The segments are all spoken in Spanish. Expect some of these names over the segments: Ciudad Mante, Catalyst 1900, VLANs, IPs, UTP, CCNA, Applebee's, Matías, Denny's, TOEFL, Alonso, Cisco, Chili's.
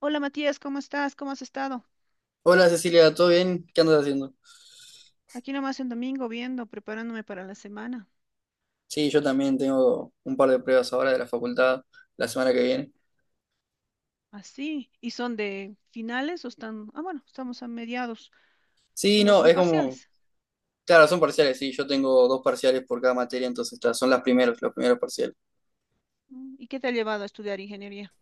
Hola Matías, ¿cómo estás? ¿Cómo has estado? Hola Cecilia, ¿todo bien? ¿Qué andas haciendo? Aquí nomás en domingo viendo, preparándome para la semana. Sí, yo también tengo un par de pruebas ahora de la facultad la semana que viene. Así. ¿Y son de finales o están? Ah, bueno, estamos a mediados. Sí, Solo no, son es como, parciales. claro, son parciales, sí, yo tengo dos parciales por cada materia, entonces ta, son las primeros, los primeros parciales. ¿Y qué te ha llevado a estudiar ingeniería?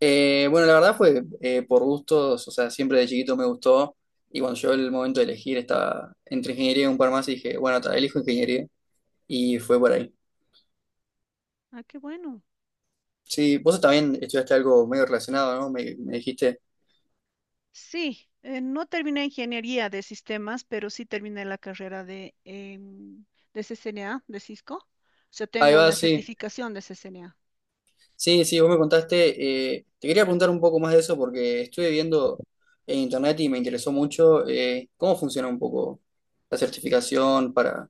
Bueno, la verdad fue por gustos, o sea, siempre de chiquito me gustó y cuando llegó el momento de elegir estaba entre ingeniería y un par más y dije, bueno, ta, elijo ingeniería y fue por ahí. Ah, qué bueno. Sí, vos también estudiaste algo medio relacionado, ¿no? Me dijiste, Sí, no terminé ingeniería de sistemas, pero sí terminé la carrera de CCNA, de Cisco. O sea, ahí tengo va, la sí. certificación de CCNA. Sí, sí, vos me contaste. Te quería preguntar un poco más de eso porque estuve viendo en internet y me interesó mucho cómo funciona un poco la certificación para...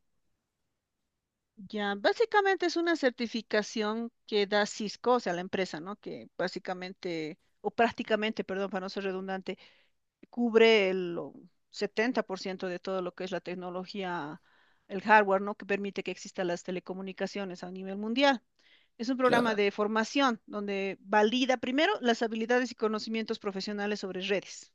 Ya, básicamente es una certificación que da Cisco, o sea, la empresa, ¿no? Que básicamente, o prácticamente, perdón, para no ser redundante, cubre 70% de todo lo que es la tecnología, el hardware, ¿no? Que permite que existan las telecomunicaciones a nivel mundial. Es un programa, Claro, claro, de formación donde valida primero las habilidades y conocimientos profesionales sobre redes.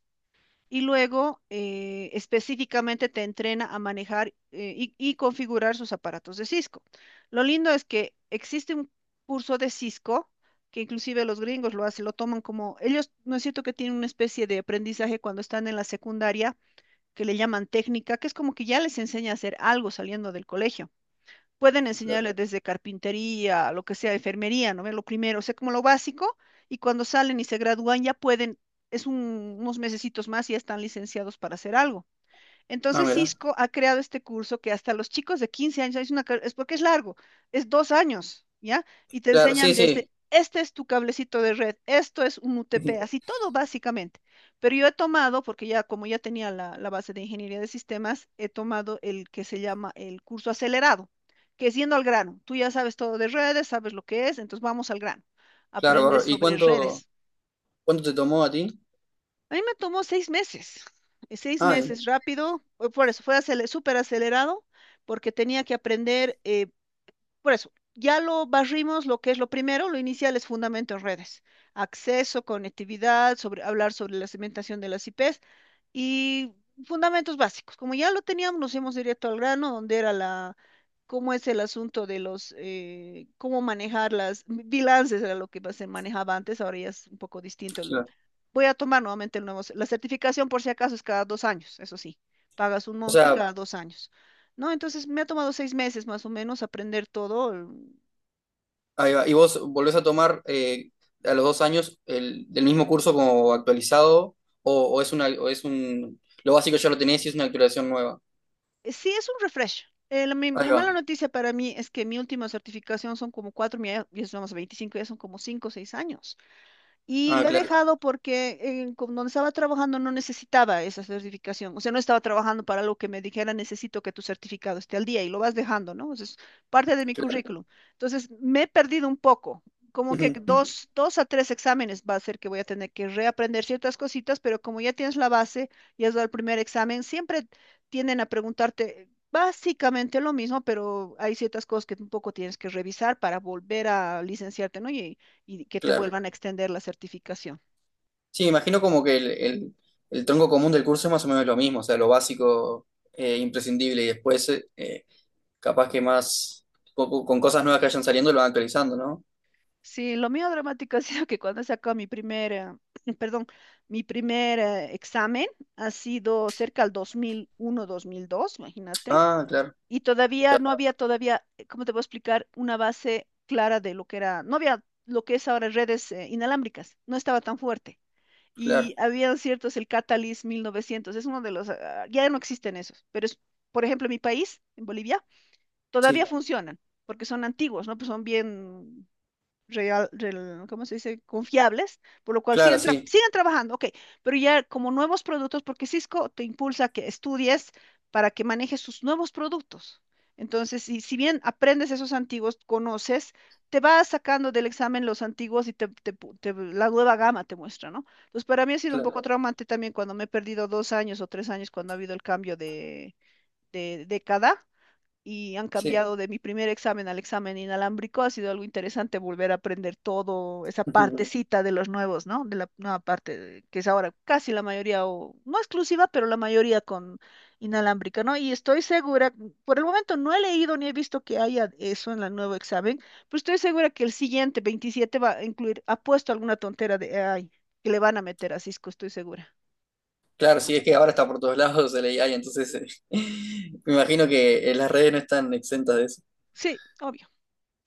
Y luego específicamente te entrena a manejar y configurar sus aparatos de Cisco. Lo lindo es que existe un curso de Cisco que inclusive los gringos lo hacen, lo toman como, ellos no es cierto que tienen una especie de aprendizaje cuando están en la secundaria que le llaman técnica, que es como que ya les enseña a hacer algo saliendo del colegio pueden claro. enseñarle desde carpintería, lo que sea, enfermería, ¿no? ¿Ve? Lo primero, o sea, como lo básico, y cuando salen y se gradúan ya pueden, unos mesecitos más y ya están licenciados para hacer algo. Ah, Entonces mira. Cisco ha creado este curso que hasta los chicos de 15 años, es porque es largo, es 2 años, ¿ya? Y te Claro, sí, enseñan desde, sí. este es tu cablecito de red, esto es un UTP, así todo básicamente. Pero yo he tomado, porque ya como ya tenía la base de ingeniería de sistemas, he tomado el que se llama el curso acelerado, que es yendo al grano. Tú ya sabes todo de redes, sabes lo que es, entonces vamos al grano. Claro, Aprendes bárbaro. ¿Y sobre cuánto, redes. cuánto te tomó a ti? A mí me tomó 6 meses, seis Ah, bien, meses rápido, fue por eso fue súper acelerado, porque tenía que aprender, por eso, ya lo barrimos, lo que es lo primero, lo inicial es fundamento en redes, acceso, conectividad, sobre, hablar sobre la segmentación de las IPs, y fundamentos básicos. Como ya lo teníamos, nos hemos directo al grano, donde era la, cómo es el asunto de los, cómo manejar las bilances, era lo que se manejaba antes, ahora ya es un poco distinto. claro. Voy a tomar nuevamente el nuevo, la certificación por si acaso es cada 2 años, eso sí, pagas un O monto y sea, cada 2 años. ¿No? Entonces me ha tomado 6 meses más o menos aprender todo. ahí va. ¿Y vos volvés a tomar a los dos años el, del mismo curso como actualizado o es una, o es un...? Lo básico ya lo tenés y es una actualización nueva. Sí, es un refresh. Eh, la, mi- Ahí la va. mala noticia para mí es que mi última certificación son como cuatro, ya somos 25 ya son como 5 o 6 años. Y Ah, lo he claro, dejado porque donde estaba trabajando no necesitaba esa certificación. O sea, no estaba trabajando para algo que me dijera, necesito que tu certificado esté al día y lo vas dejando, ¿no? Eso es parte de mi claro. currículum. Entonces, me he perdido un poco. Como que dos a tres exámenes va a ser que voy a tener que reaprender ciertas cositas, pero como ya tienes la base y has dado el primer examen, siempre tienden a preguntarte básicamente lo mismo, pero hay ciertas cosas que un poco tienes que revisar para volver a licenciarte, ¿no? Y que te Claro. vuelvan a extender la certificación. Sí, imagino como que el tronco común del curso es más o menos lo mismo, o sea, lo básico, imprescindible, y después capaz que más, con cosas nuevas que vayan saliendo, lo van actualizando, ¿no? Sí, lo mío dramático ha sido que cuando he sacado mi primer, perdón, mi primer examen ha sido cerca al 2001-2002, imagínate, Ah, claro, y todavía no había todavía, ¿cómo te puedo explicar? Una base clara de lo que era, no había lo que es ahora redes inalámbricas, no estaba tan fuerte. claro, Y habían ciertos, el Catalyst 1900, es uno de los, ah, ya no existen esos, pero es, por ejemplo, en mi país, en Bolivia, todavía sí, funcionan, porque son antiguos, ¿no? Pues son bien ¿cómo se dice? Confiables, por lo cual claro, sí, siguen trabajando, ok, pero ya como nuevos productos, porque Cisco te impulsa a que estudies para que manejes sus nuevos productos. Entonces, si bien aprendes esos antiguos, conoces, te vas sacando del examen los antiguos y la nueva gama te muestra, ¿no? Entonces, para mí ha sido un claro, poco traumante también cuando me he perdido 2 años o 3 años cuando ha habido el cambio de década y han sí. cambiado de mi primer examen al examen inalámbrico. Ha sido algo interesante volver a aprender todo, esa partecita de los nuevos, ¿no? De la nueva que es ahora casi la mayoría, o no exclusiva, pero la mayoría con inalámbrica, ¿no? Y estoy segura, por el momento no he leído ni he visto que haya eso en el nuevo examen, pero estoy segura que el siguiente, 27, va a incluir, ha puesto alguna tontera de AI que le van a meter a Cisco, estoy segura. Claro, sí, es que ahora está por todos lados el AI, entonces me imagino que las redes no están exentas de eso. Sí, obvio.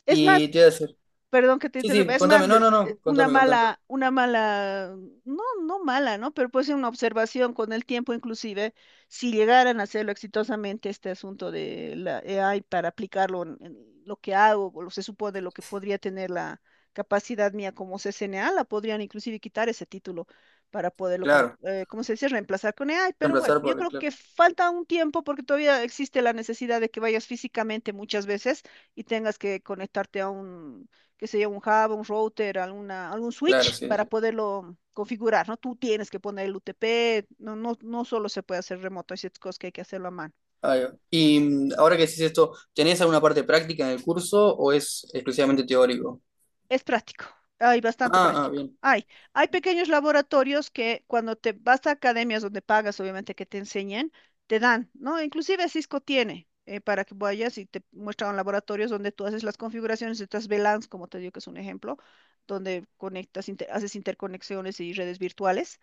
Es Y más, te iba a decir, perdón que te sí, interrumpa, sí, es más, contame, no, pues, no, no, contame, contame. Una mala, no, no mala, ¿no? Pero puede ser una observación con el tiempo, inclusive, si llegaran a hacerlo exitosamente este asunto de la AI para aplicarlo en lo que hago, o lo se supone lo que podría tener la capacidad mía como CCNA, la podrían inclusive quitar ese título para Claro, ¿cómo se dice?, reemplazar con AI, pero bueno, reemplazar yo por, creo claro, que falta un tiempo porque todavía existe la necesidad de que vayas físicamente muchas veces y tengas que conectarte a un qué sé yo, un hub, un router, alguna, algún claro, switch para sí. poderlo configurar, ¿no? Tú tienes que poner el UTP, no, no, no solo se puede hacer remoto, hay ciertas cosas que hay que hacerlo a mano. Ahí va. Y ahora que decís esto, ¿tenés alguna parte práctica en el curso o es exclusivamente teórico? Es práctico, hay bastante Ah, ah, práctico. bien, Hay pequeños laboratorios que cuando te vas a academias donde pagas, obviamente, que te enseñen, te dan, ¿no? Inclusive Cisco tiene para que vayas y te muestran laboratorios donde tú haces las configuraciones de estas VLANs, como te digo que es un ejemplo, donde haces interconexiones y redes virtuales.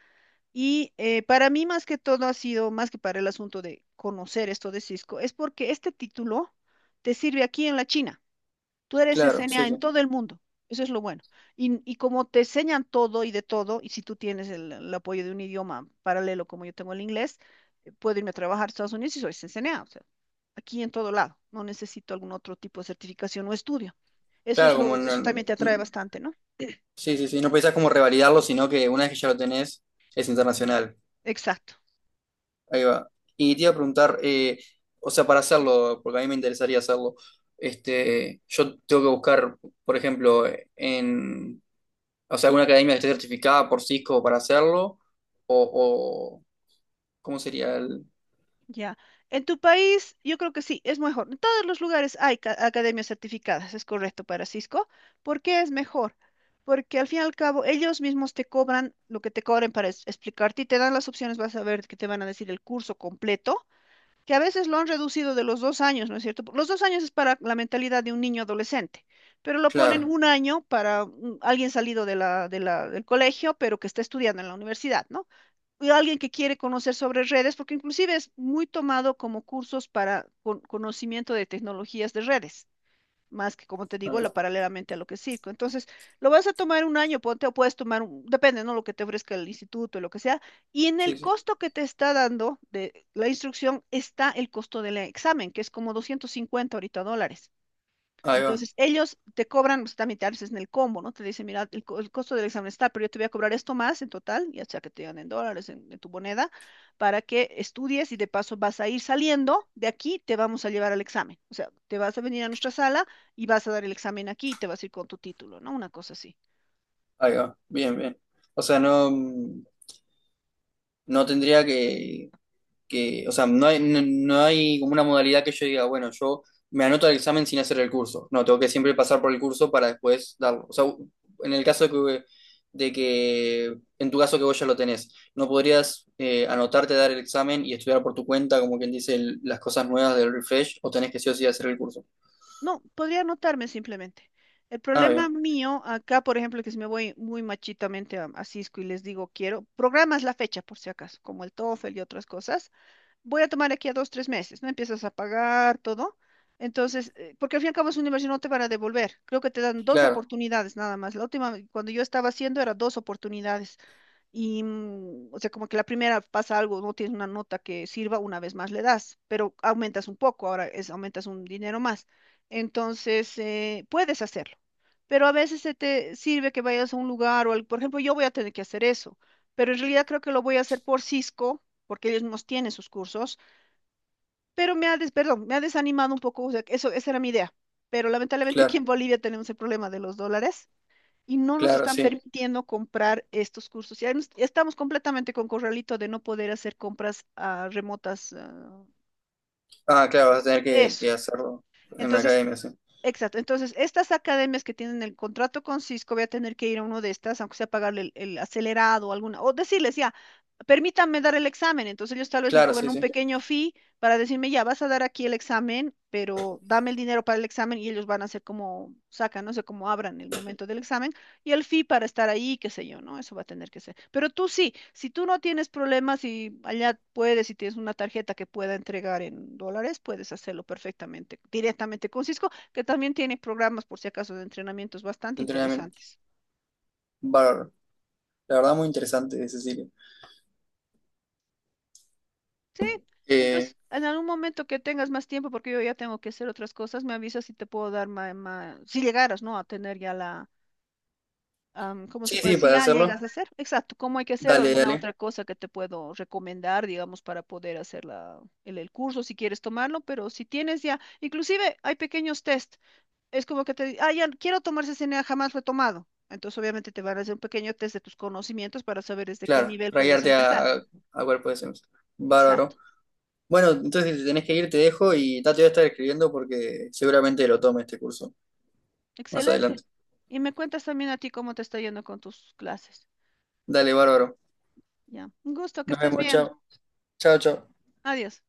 Y para mí más que todo ha sido, más que para el asunto de conocer esto de Cisco, es porque este título te sirve aquí en la China. Tú eres claro, sí, SNA sí. en todo el mundo. Eso es lo bueno. Y como te enseñan todo y de todo, y si tú tienes el apoyo de un idioma paralelo como yo tengo el inglés, puedo irme a trabajar a Estados Unidos y soy SNA. O sea, aquí en todo lado. No necesito algún otro tipo de certificación o estudio. Eso es Claro, como lo, en eso el- también te atrae mm. bastante, ¿no? Sí, sí, sí, no pensás como revalidarlo, sino que una vez que ya lo tenés, es internacional. Exacto. Ahí va. Y te iba a preguntar, o sea, para hacerlo, porque a mí me interesaría hacerlo, este, yo tengo que buscar, por ejemplo, en, o sea, alguna academia que esté certificada por Cisco para hacerlo, o ¿cómo sería el...? Ya. En tu país, yo creo que sí, es mejor. En todos los lugares hay academias certificadas, es correcto para Cisco. ¿Por qué es mejor? Porque al fin y al cabo ellos mismos te cobran lo que te cobren para explicarte y te dan las opciones, vas a ver que te van a decir el curso completo, que a veces lo han reducido de los 2 años, ¿no es cierto? Los 2 años es para la mentalidad de un niño adolescente, pero lo ponen, Claro. ujú, un año para alguien salido de del colegio, pero que está estudiando en la universidad, ¿no? Y alguien que quiere conocer sobre redes, porque inclusive es muy tomado como cursos para conocimiento de tecnologías de redes, más que, como te Ahí digo, la va. paralelamente a lo que es circo. Entonces, lo vas a tomar un año, ponte, o puedes tomar, depende, ¿no? Lo que te ofrezca el instituto, lo que sea, y en el Sí, sí. costo que te está dando de la instrucción está el costo del examen, que es como 250 ahorita dólares. Ahí va, Entonces, ellos te cobran, pues, también te haces en el combo, ¿no? Te dicen, mira, el costo del examen está, pero yo te voy a cobrar esto más en total, ya sea que te digan en dólares, en tu moneda, para que estudies y de paso vas a ir saliendo de aquí, te vamos a llevar al examen. O sea, te vas a venir a nuestra sala y vas a dar el examen aquí y te vas a ir con tu título, ¿no? Una cosa así. ahí va, bien, bien. O sea, no, no tendría que, o sea, no hay, no, no hay como una modalidad que yo diga, bueno, yo me anoto al examen sin hacer el curso. No, tengo que siempre pasar por el curso para después darlo. O sea, en el caso de que en tu caso que vos ya lo tenés, ¿no podrías anotarte, dar el examen y estudiar por tu cuenta, como quien dice, el- las cosas nuevas del refresh, o tenés que sí o sí hacer el curso? No, podría anotarme simplemente. El Ah, problema bien, mío acá, por ejemplo, que si me voy muy machitamente a Cisco y les digo, quiero, programas la fecha por si acaso, como el TOEFL y otras cosas voy a tomar aquí a 2, 3 meses, ¿no? Empiezas a pagar todo. Entonces, porque al fin y al cabo es una inversión, no te van a devolver. Creo que te dan dos claro, oportunidades nada más. La última, cuando yo estaba haciendo, era dos oportunidades. Y, o sea, como que la primera pasa algo, no tienes una nota que sirva, una vez más le das, pero aumentas un poco, ahora es, aumentas un dinero más. Entonces, puedes hacerlo. Pero a veces se te sirve que vayas a un lugar o, por ejemplo, yo voy a tener que hacer eso, pero en realidad creo que lo voy a hacer por Cisco porque ellos nos tienen sus cursos pero perdón, me ha desanimado un poco, o sea, eso, esa era mi idea. Pero lamentablemente aquí claro, en Bolivia tenemos el problema de los dólares y no nos claro, están sí. permitiendo comprar estos cursos. Ya estamos completamente con corralito de no poder hacer compras remotas. Ah, claro, vas a tener Eso. que hacerlo en la Entonces, academia, sí. exacto. Entonces, estas academias que tienen el contrato con Cisco, voy a tener que ir a uno de estas, aunque sea pagarle el acelerado o alguna, o decirles, ya, permítanme dar el examen. Entonces, ellos tal vez me Claro, cobran sí, un sí, de pequeño fee para decirme, ya, vas a dar aquí el examen, pero dame el dinero para el examen y ellos van a hacer como sacan, no sé cómo abran el momento del examen y el fee para estar ahí, qué sé yo, ¿no? Eso va a tener que ser. Pero tú sí, si tú no tienes problemas y allá puedes, si tienes una tarjeta que pueda entregar en dólares, puedes hacerlo perfectamente, directamente con Cisco que también tiene programas, por si acaso, de entrenamientos bastante entrenamiento. interesantes. Bárbaro. La verdad, muy interesante, Cecilia. Sí, Eh, entonces, en algún momento que tengas más tiempo, porque yo ya tengo que hacer otras cosas, me avisas si te puedo dar más, si llegaras, ¿no? A tener ya la, ¿cómo sí, se puede? sí, Si para ya hacerlo. llegas a hacer, exacto, cómo hay que hacer o Dale, alguna dale. otra cosa que te puedo recomendar, digamos, para poder hacer el curso, si quieres tomarlo, pero si tienes ya, inclusive hay pequeños test. Es como que te digan, ah, ya no, quiero tomar CCNA, jamás lo he tomado. Entonces, obviamente, te van a hacer un pequeño test de tus conocimientos para saber desde qué Claro, nivel puedes rayarte empezar. A cuerpo de Sims. Bárbaro. Exacto. Bueno, entonces si te tenés que ir, te dejo y ya te voy a estar escribiendo porque seguramente lo tome este curso más Excelente. adelante. Y me cuentas también a ti cómo te está yendo con tus clases. Dale, bárbaro. Ya. Un gusto, que Nos estés vemos, bien. chao. Chao, chao. Adiós.